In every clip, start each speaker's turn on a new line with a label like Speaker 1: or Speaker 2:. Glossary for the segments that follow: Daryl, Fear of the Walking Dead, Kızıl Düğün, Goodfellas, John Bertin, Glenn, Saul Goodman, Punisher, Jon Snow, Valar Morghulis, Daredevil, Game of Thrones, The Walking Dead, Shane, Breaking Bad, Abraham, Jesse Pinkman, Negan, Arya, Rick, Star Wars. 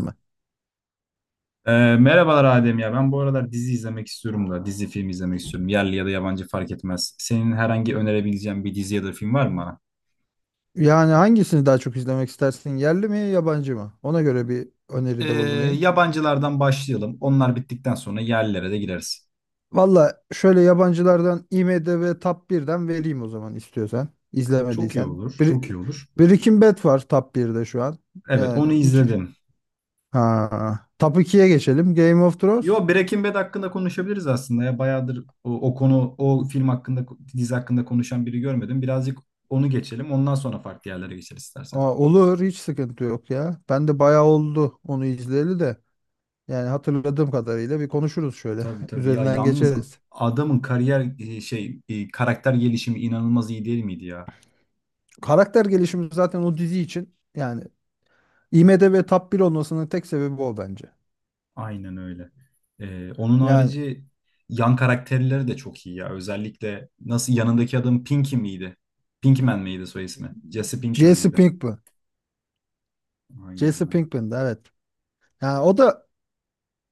Speaker 1: Mi?
Speaker 2: Merhabalar Adem ya. Ben bu aralar dizi izlemek istiyorum da. Dizi film izlemek istiyorum. Yerli ya da yabancı fark etmez. Senin herhangi önerebileceğin bir dizi ya da film var mı bana?
Speaker 1: Yani hangisini daha çok izlemek istersin? Yerli mi, yabancı mı? Ona göre bir
Speaker 2: Ee,
Speaker 1: öneride bulunayım.
Speaker 2: Yabancılardan başlayalım. Onlar bittikten sonra yerlilere de gireriz.
Speaker 1: Valla şöyle yabancılardan IMDb Top birden vereyim o zaman istiyorsan.
Speaker 2: Çok iyi
Speaker 1: İzlemediysen.
Speaker 2: olur,
Speaker 1: Bir,
Speaker 2: çok iyi olur.
Speaker 1: Breaking Bad var Top birde şu an.
Speaker 2: Evet,
Speaker 1: Yani
Speaker 2: onu
Speaker 1: hiç...
Speaker 2: izledim.
Speaker 1: Ha. Top ikiye geçelim. Game of
Speaker 2: Yo,
Speaker 1: Thrones.
Speaker 2: Breaking Bad hakkında konuşabiliriz aslında ya. Bayağıdır o konu, o film hakkında, dizi hakkında konuşan biri görmedim. Birazcık onu geçelim. Ondan sonra farklı yerlere geçeriz istersen.
Speaker 1: Aa, olur hiç sıkıntı yok ya. Ben de bayağı oldu onu izleyeli de. Yani hatırladığım kadarıyla bir konuşuruz şöyle.
Speaker 2: Tabii tabii ya
Speaker 1: Üzerinden
Speaker 2: yalnız
Speaker 1: geçeriz.
Speaker 2: adamın kariyer e, şey e, karakter gelişimi inanılmaz iyi değil miydi ya?
Speaker 1: Karakter gelişimi zaten o dizi için yani IMDb Top 1 olmasının tek sebebi o bence.
Speaker 2: Aynen öyle. Onun
Speaker 1: Yani
Speaker 2: harici yan karakterleri de çok iyi ya. Özellikle nasıl yanındaki adam Pinky miydi? Pinkman miydi soy ismi? Jesse Pinkman
Speaker 1: Jesse
Speaker 2: mıydı?
Speaker 1: Pinkman.
Speaker 2: Aynen
Speaker 1: Jesse
Speaker 2: aynen.
Speaker 1: Pinkman, evet. Yani o da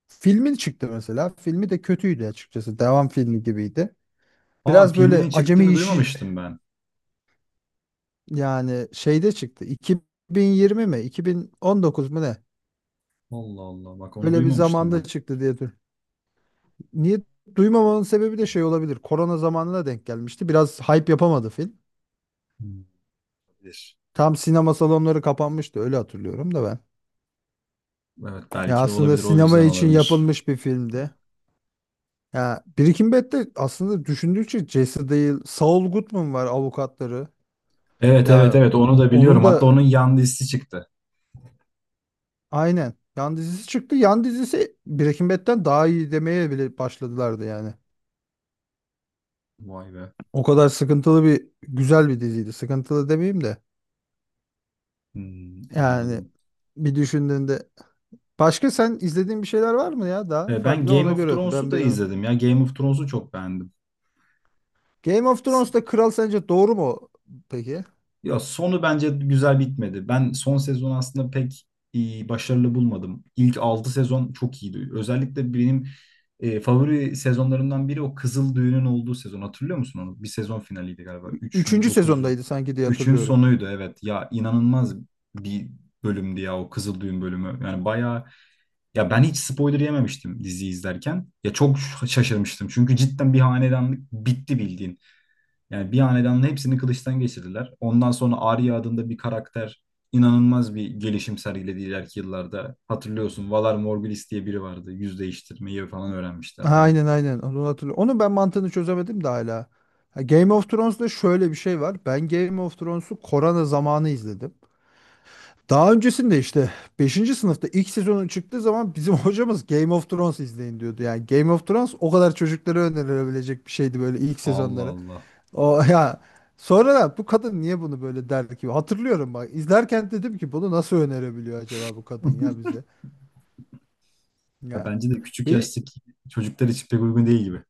Speaker 1: filmin çıktı mesela. Filmi de kötüydü açıkçası. Devam filmi gibiydi.
Speaker 2: Aa
Speaker 1: Biraz böyle
Speaker 2: filminin
Speaker 1: acemi
Speaker 2: çıktığını
Speaker 1: işi
Speaker 2: duymamıştım ben.
Speaker 1: yani şeyde çıktı. 2020 mi? 2019 mu ne?
Speaker 2: Allah Allah bak onu
Speaker 1: Öyle bir
Speaker 2: duymamıştım
Speaker 1: zamanda
Speaker 2: ben.
Speaker 1: çıktı diye. Niye duymamanın sebebi de şey olabilir. Korona zamanına denk gelmişti. Biraz hype yapamadı film.
Speaker 2: Hmm. Olabilir.
Speaker 1: Tam sinema salonları kapanmıştı öyle hatırlıyorum da ben.
Speaker 2: Evet
Speaker 1: Ya
Speaker 2: belki de
Speaker 1: aslında
Speaker 2: olabilir o
Speaker 1: sinema
Speaker 2: yüzden
Speaker 1: için
Speaker 2: olabilir.
Speaker 1: yapılmış bir filmdi. Ya Birikim Bet'te aslında düşündükçe Jesse değil, Saul Goodman var avukatları.
Speaker 2: Evet evet
Speaker 1: Ya
Speaker 2: evet onu da
Speaker 1: onu
Speaker 2: biliyorum.
Speaker 1: da
Speaker 2: Hatta onun yan dizisi çıktı.
Speaker 1: aynen yan dizisi çıktı. Yan dizisi Breaking Bad'den daha iyi demeye bile başladılardı yani.
Speaker 2: Vay be.
Speaker 1: O kadar sıkıntılı bir güzel bir diziydi. Sıkıntılı demeyeyim de
Speaker 2: Hmm,
Speaker 1: yani
Speaker 2: anladım.
Speaker 1: bir düşündüğünde başka sen izlediğin bir şeyler var mı ya daha
Speaker 2: Ben
Speaker 1: farklı
Speaker 2: Game
Speaker 1: ona
Speaker 2: of
Speaker 1: göre
Speaker 2: Thrones'u
Speaker 1: ben bir
Speaker 2: da izledim ya. Game of Thrones'u çok beğendim.
Speaker 1: Game of
Speaker 2: S-
Speaker 1: Thrones'ta kral sence doğru mu peki?
Speaker 2: Ya sonu bence güzel bitmedi. Ben son sezon aslında pek başarılı bulmadım. İlk 6 sezon çok iyiydi. Özellikle benim favori sezonlarımdan biri o Kızıl Düğün'ün olduğu sezon. Hatırlıyor musun onu? Bir sezon finaliydi galiba.
Speaker 1: Ü- Üçüncü sezondaydı sanki diye
Speaker 2: Üçün
Speaker 1: hatırlıyorum.
Speaker 2: sonuydu evet. Ya inanılmaz bir bölümdü ya o Kızıl Düğün bölümü. Yani bayağı. Ya ben hiç spoiler yememiştim diziyi izlerken. Ya çok şaşırmıştım. Çünkü cidden bir hanedanlık bitti bildiğin. Yani bir hanedanın hepsini kılıçtan geçirdiler. Ondan sonra Arya adında bir karakter inanılmaz bir gelişim sergiledi ileriki yıllarda. Hatırlıyorsun Valar Morghulis diye biri vardı. Yüz değiştirmeyi falan öğrenmişti
Speaker 1: Ha,
Speaker 2: Arya.
Speaker 1: aynen aynen onu hatırlıyorum. Onun ben mantığını çözemedim de hala. Ha, Game of Thrones'da şöyle bir şey var. Ben Game of Thrones'u korona zamanı izledim. Daha öncesinde işte beşinci sınıfta ilk sezonun çıktığı zaman bizim hocamız Game of Thrones izleyin diyordu. Yani Game of Thrones o kadar çocuklara önerilebilecek bir şeydi böyle ilk
Speaker 2: Allah
Speaker 1: sezonları.
Speaker 2: Allah.
Speaker 1: O ya sonra da bu kadın niye bunu böyle derdi ki? Hatırlıyorum bak izlerken dedim ki bunu nasıl önerebiliyor acaba bu kadın ya bize?
Speaker 2: Ya
Speaker 1: Ya
Speaker 2: bence de küçük
Speaker 1: bir
Speaker 2: yaştaki çocuklar için pek uygun değil gibi.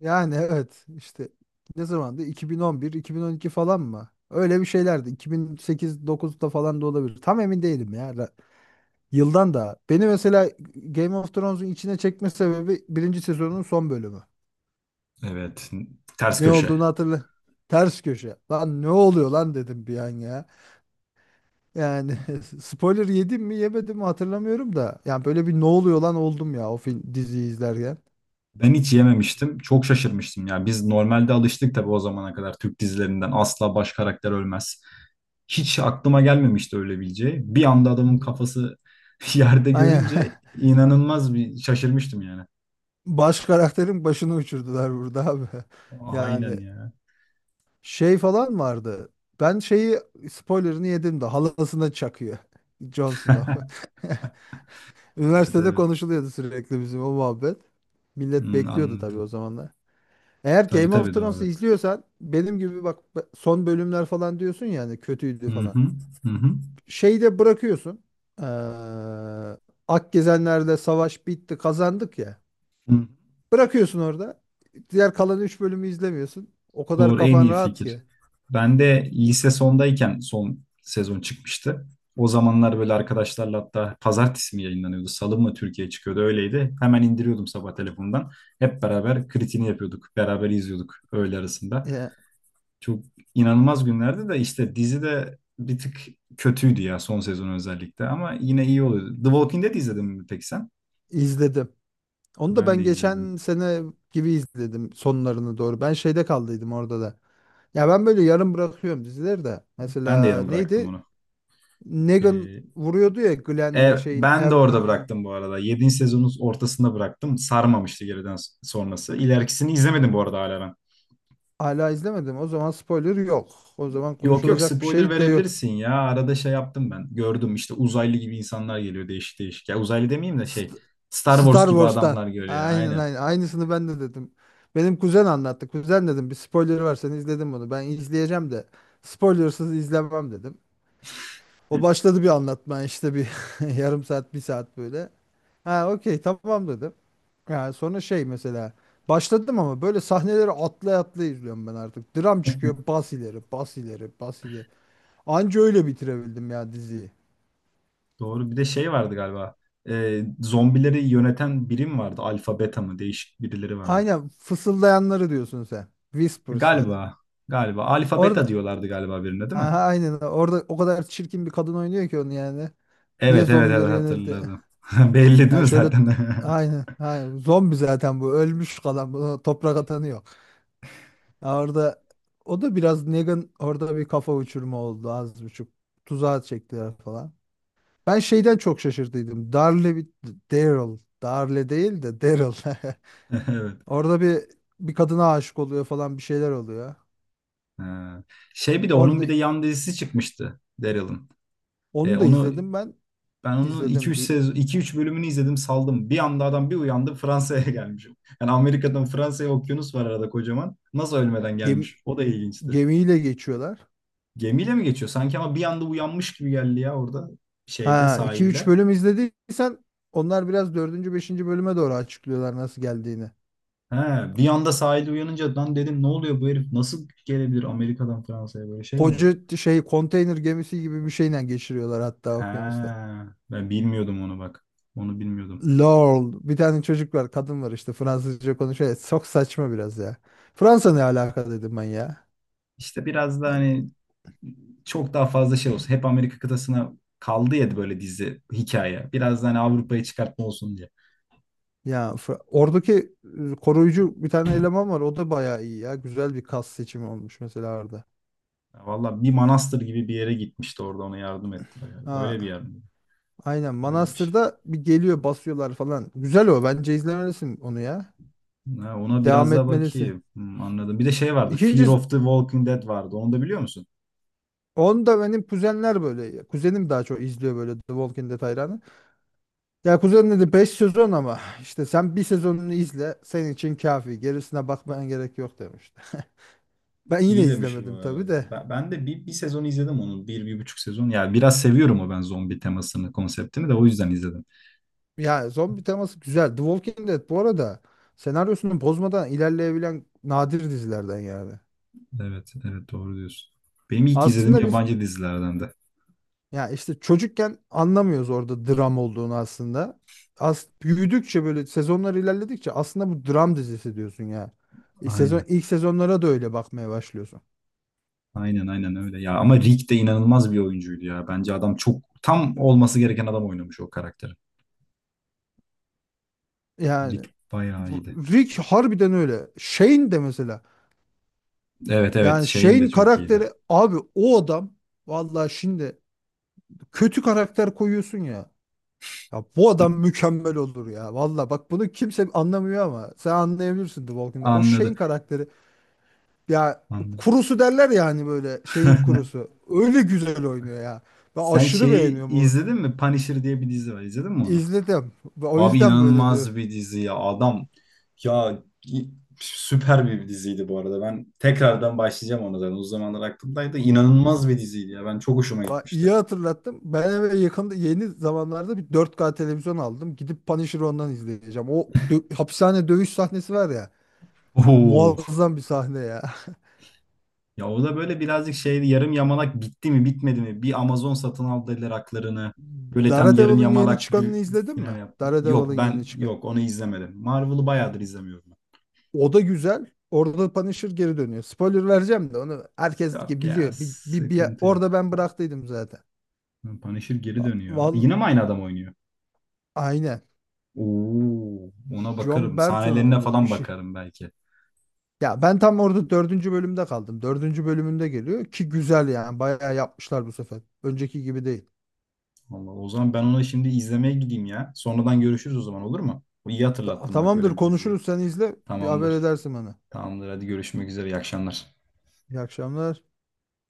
Speaker 1: yani evet işte ne zamandı? 2011, 2012 falan mı? Öyle bir şeylerdi. 2008-9'da falan da olabilir. Tam emin değilim ya. Yıldan da. Beni mesela Game of Thrones'un içine çekme sebebi birinci sezonun son bölümü.
Speaker 2: Evet. Ters
Speaker 1: Ne
Speaker 2: köşe.
Speaker 1: olduğunu hatırla. Ters köşe. Lan ne oluyor lan dedim bir an ya. Yani spoiler yedim mi yemedim mi hatırlamıyorum da. Yani böyle bir ne oluyor lan oldum ya o film diziyi izlerken.
Speaker 2: Ben hiç yememiştim. Çok şaşırmıştım ya. Biz normalde alıştık tabii o zamana kadar Türk dizilerinden asla baş karakter ölmez. Hiç aklıma gelmemişti öyle bileceği. Bir anda adamın
Speaker 1: Hmm.
Speaker 2: kafası yerde
Speaker 1: Aynen.
Speaker 2: görünce inanılmaz bir şaşırmıştım yani.
Speaker 1: Baş karakterin başını uçurdular burada abi.
Speaker 2: Aynen
Speaker 1: Yani
Speaker 2: ya.
Speaker 1: şey falan vardı. Ben şeyi spoilerını yedim de halasına çakıyor. Jon Snow.
Speaker 2: Evet
Speaker 1: Üniversitede
Speaker 2: evet.
Speaker 1: konuşuluyordu sürekli bizim o muhabbet. Millet
Speaker 2: Hmm,
Speaker 1: bekliyordu tabii o
Speaker 2: anladım.
Speaker 1: zamanlar. Eğer
Speaker 2: Tabii
Speaker 1: Game of
Speaker 2: tabii
Speaker 1: Thrones'u
Speaker 2: doğru.
Speaker 1: izliyorsan benim gibi bak son bölümler falan diyorsun yani kötüydü
Speaker 2: Hı
Speaker 1: falan.
Speaker 2: hı, hı hı.
Speaker 1: Şeyde bırakıyorsun. Ee, Akgezenlerle savaş bitti, kazandık ya.
Speaker 2: Hı.
Speaker 1: Bırakıyorsun orada. Diğer kalan 3 bölümü izlemiyorsun. O kadar
Speaker 2: Doğru en
Speaker 1: kafan
Speaker 2: iyi
Speaker 1: rahat
Speaker 2: fikir.
Speaker 1: ki.
Speaker 2: Ben de lise sondayken son sezon çıkmıştı. O zamanlar böyle arkadaşlarla hatta pazartesi mi yayınlanıyordu, salı mı Türkiye çıkıyordu öyleydi. Hemen indiriyordum sabah telefondan. Hep beraber kritini yapıyorduk, beraber izliyorduk öğle arasında.
Speaker 1: Ya,
Speaker 2: Çok inanılmaz günlerdi de işte dizi de bir tık kötüydü ya son sezon özellikle ama yine iyi oluyordu. The Walking Dead izledin mi peki sen?
Speaker 1: izledim. Onu da ben
Speaker 2: Ben de
Speaker 1: geçen
Speaker 2: izledim.
Speaker 1: sene gibi izledim sonlarını doğru. Ben şeyde kaldıydım orada da. Ya ben böyle yarım bırakıyorum dizileri de.
Speaker 2: Ben de
Speaker 1: Mesela
Speaker 2: yarım bıraktım
Speaker 1: neydi?
Speaker 2: onu.
Speaker 1: Negan
Speaker 2: Ee,
Speaker 1: vuruyordu ya
Speaker 2: E,
Speaker 1: Glenn'le şeyin
Speaker 2: ben de orada
Speaker 1: Abraham'ın.
Speaker 2: bıraktım bu arada. 7. sezonun ortasında bıraktım. Sarmamıştı geriden sonrası. İlerikisini izlemedim bu arada hala ben.
Speaker 1: Hala izlemedim. O zaman spoiler yok. O zaman
Speaker 2: Yok yok
Speaker 1: konuşulacak bir
Speaker 2: spoiler
Speaker 1: şey de yok.
Speaker 2: verebilirsin ya. Arada şey yaptım ben. Gördüm işte uzaylı gibi insanlar geliyor değişik değişik. Ya uzaylı demeyeyim de şey
Speaker 1: St-
Speaker 2: Star Wars
Speaker 1: Star
Speaker 2: gibi
Speaker 1: Wars'tan.
Speaker 2: adamlar geliyor.
Speaker 1: Aynen
Speaker 2: Aynen.
Speaker 1: aynen. Aynısını ben de dedim. Benim kuzen anlattı. Kuzen dedim bir spoiler var sen izledin bunu. Ben izleyeceğim de spoilersız izlemem dedim. O başladı bir anlatmaya işte bir yarım saat bir saat böyle. Ha okey tamam dedim. Yani sonra şey mesela başladım ama böyle sahneleri atlay atlay izliyorum ben artık. Dram çıkıyor bas ileri bas ileri bas ileri. Anca öyle bitirebildim ya diziyi.
Speaker 2: Doğru. Bir de şey vardı galiba. Zombileri yöneten birim vardı. Alfa beta mı? Değişik birileri vardı.
Speaker 1: Aynen fısıldayanları diyorsun sen. Whispers'ları.
Speaker 2: Galiba. Galiba. Alfa beta
Speaker 1: Orada
Speaker 2: diyorlardı galiba birine değil mi?
Speaker 1: aha, aynen orada o kadar çirkin bir kadın oynuyor ki onu yani. Niye
Speaker 2: Evet evet evet
Speaker 1: zombileri yöneldi?
Speaker 2: hatırladım. Belli değil
Speaker 1: Ya
Speaker 2: mi
Speaker 1: şöyle
Speaker 2: zaten?
Speaker 1: aynen, aynen zombi zaten bu ölmüş kalan bu toprak atanı yok. Ya orada o da biraz Negan orada bir kafa uçurma oldu az buçuk. Tuzağa çektiler falan. Ben şeyden çok şaşırdıydım. Darle bir Daryl. Darle değil de Daryl.
Speaker 2: Evet.
Speaker 1: Orada bir kadına aşık oluyor falan bir şeyler oluyor.
Speaker 2: Ha. Şey bir de onun
Speaker 1: Orada
Speaker 2: bir de yan dizisi çıkmıştı Daryl'ın.
Speaker 1: onu da
Speaker 2: Onu
Speaker 1: izledim ben.
Speaker 2: ben onun iki
Speaker 1: İzledim.
Speaker 2: üç sezon iki üç bölümünü izledim saldım. Bir anda adam bir uyandı Fransa'ya gelmişim. Yani Amerika'dan Fransa'ya okyanus var arada kocaman. Nasıl ölmeden
Speaker 1: Gemi,
Speaker 2: gelmiş? O da ilginçti.
Speaker 1: Gemiyle geçiyorlar.
Speaker 2: Gemiyle mi geçiyor? Sanki ama bir anda uyanmış gibi geldi ya orada şeyde
Speaker 1: Ha 2-3
Speaker 2: sahilde.
Speaker 1: bölüm izlediysen onlar biraz dördüncü beşinci bölüme doğru açıklıyorlar nasıl geldiğini.
Speaker 2: He, bir anda sahilde uyanınca lan dedim ne oluyor bu herif nasıl gelebilir Amerika'dan Fransa'ya böyle şey mi olur?
Speaker 1: Şey konteyner gemisi gibi bir şeyle geçiriyorlar hatta
Speaker 2: He,
Speaker 1: okyanusta.
Speaker 2: ben bilmiyordum onu bak. Onu bilmiyordum.
Speaker 1: Lol bir tane çocuk var kadın var işte Fransızca konuşuyor. Ya, çok saçma biraz ya. Fransa ne alaka dedim ben ya.
Speaker 2: İşte biraz da hani çok daha fazla şey olsun. Hep Amerika kıtasına kaldı ya böyle dizi hikaye. Biraz da hani Avrupa'ya çıkartma olsun diye.
Speaker 1: Oradaki koruyucu bir tane eleman var o da bayağı iyi ya. Güzel bir kas seçimi olmuş mesela orada.
Speaker 2: Ya Valla bir manastır gibi bir yere gitmişti orada ona yardım ettiler. Yani. Öyle bir
Speaker 1: Ha,
Speaker 2: yer mi?
Speaker 1: aynen
Speaker 2: Öyle bir şey.
Speaker 1: Manastır'da bir geliyor basıyorlar falan. Güzel o bence izlemelisin onu ya.
Speaker 2: Ha, ona
Speaker 1: Devam
Speaker 2: biraz daha
Speaker 1: etmelisi.
Speaker 2: bakayım. Hmm, anladım. Bir de şey vardı. Fear
Speaker 1: İkincisi
Speaker 2: of the Walking Dead vardı. Onu da biliyor musun?
Speaker 1: onu da benim kuzenler böyle. Kuzenim daha çok izliyor böyle The Walking Dead hayranı. Ya kuzen dedi 5 sezon ama işte sen bir sezonunu izle senin için kafi. Gerisine bakmana gerek yok demişti. Ben yine
Speaker 2: İyi demişim bu
Speaker 1: izlemedim tabii
Speaker 2: arada.
Speaker 1: de.
Speaker 2: Ben de bir sezon izledim onu. Bir, bir buçuk sezon. Yani biraz seviyorum o ben zombi temasını, konseptini de o yüzden izledim.
Speaker 1: Ya zombi teması güzel. The Walking Dead bu arada senaryosunu bozmadan ilerleyebilen nadir dizilerden yani.
Speaker 2: Evet, evet doğru diyorsun. Benim ilk izlediğim
Speaker 1: Aslında biz
Speaker 2: yabancı dizilerden de.
Speaker 1: ya işte çocukken anlamıyoruz orada dram olduğunu aslında. As büyüdükçe böyle sezonlar ilerledikçe aslında bu dram dizisi diyorsun ya. Sezon
Speaker 2: Aynen.
Speaker 1: ilk sezonlara da öyle bakmaya başlıyorsun.
Speaker 2: Aynen aynen öyle ya. Ama Rick de inanılmaz bir oyuncuydu ya. Bence adam çok tam olması gereken adam oynamış o karakteri.
Speaker 1: Yani
Speaker 2: Rick bayağı
Speaker 1: bu-
Speaker 2: iyiydi.
Speaker 1: Rick harbiden öyle. Shane de mesela.
Speaker 2: Evet evet
Speaker 1: Yani
Speaker 2: şeyin de
Speaker 1: Shane
Speaker 2: çok iyiydi.
Speaker 1: karakteri abi o adam vallahi şimdi kötü karakter koyuyorsun ya. Ya bu adam mükemmel olur ya. Vallahi bak bunu kimse anlamıyor ama sen anlayabilirsin The Walking Dead. O Shane
Speaker 2: Anladım.
Speaker 1: karakteri ya
Speaker 2: Anladım.
Speaker 1: kurusu derler ya hani böyle şeyin kurusu. Öyle güzel oynuyor ya. Ben
Speaker 2: Sen
Speaker 1: aşırı
Speaker 2: şeyi
Speaker 1: beğeniyorum onu.
Speaker 2: izledin mi? Punisher diye bir dizi var. İzledin mi onu?
Speaker 1: İzledim. O
Speaker 2: Abi
Speaker 1: yüzden böyle diyor.
Speaker 2: inanılmaz bir dizi ya. Adam ya süper bir diziydi bu arada. Ben tekrardan başlayacağım ona zaten. O zamanlar aklımdaydı. İnanılmaz bir diziydi ya. Ben çok hoşuma
Speaker 1: Bak
Speaker 2: gitmişti.
Speaker 1: iyi hatırlattım. Ben eve yakında yeni zamanlarda bir 4K televizyon aldım. Gidip Punisher'ı ondan izleyeceğim. Hapishane dövüş sahnesi var ya.
Speaker 2: Oo.
Speaker 1: Muazzam bir sahne ya.
Speaker 2: Ya o da böyle birazcık şey yarım yamalak bitti mi bitmedi mi? Bir Amazon satın aldı dediler haklarını. Böyle tam yarım
Speaker 1: Daredevil'ın yeni
Speaker 2: yamalak
Speaker 1: çıkanını
Speaker 2: bir
Speaker 1: izledin
Speaker 2: final
Speaker 1: mi?
Speaker 2: yaptı.
Speaker 1: Daredevil'ın
Speaker 2: Yok
Speaker 1: yeni
Speaker 2: ben
Speaker 1: çıkan.
Speaker 2: yok onu izlemedim. Marvel'ı bayağıdır izlemiyorum
Speaker 1: O da güzel. Orada Punisher geri dönüyor. Spoiler vereceğim de onu
Speaker 2: ben.
Speaker 1: herkes
Speaker 2: Yok ya
Speaker 1: biliyor.
Speaker 2: sıkıntı
Speaker 1: Orada
Speaker 2: yok.
Speaker 1: ben bıraktıydım zaten.
Speaker 2: Punisher geri
Speaker 1: Va-
Speaker 2: dönüyor.
Speaker 1: Val
Speaker 2: Yine mi aynı adam oynuyor?
Speaker 1: Aynen.
Speaker 2: Oo, ona
Speaker 1: John
Speaker 2: bakarım.
Speaker 1: Bertin'ın
Speaker 2: Sahnelerine
Speaker 1: mı bir
Speaker 2: falan
Speaker 1: şey.
Speaker 2: bakarım belki.
Speaker 1: Ya ben tam orada dördüncü bölümde kaldım. Dördüncü bölümünde geliyor ki güzel yani. Bayağı yapmışlar bu sefer. Önceki gibi değil.
Speaker 2: Vallahi o zaman ben ona şimdi izlemeye gideyim ya. Sonradan görüşürüz o zaman olur mu? İyi
Speaker 1: Ta-
Speaker 2: hatırlattın bak öyle
Speaker 1: tamamdır
Speaker 2: bir diziyi.
Speaker 1: konuşuruz sen izle. Bir haber
Speaker 2: Tamamdır.
Speaker 1: edersin bana.
Speaker 2: Tamamdır hadi görüşmek üzere. İyi akşamlar.
Speaker 1: İyi akşamlar.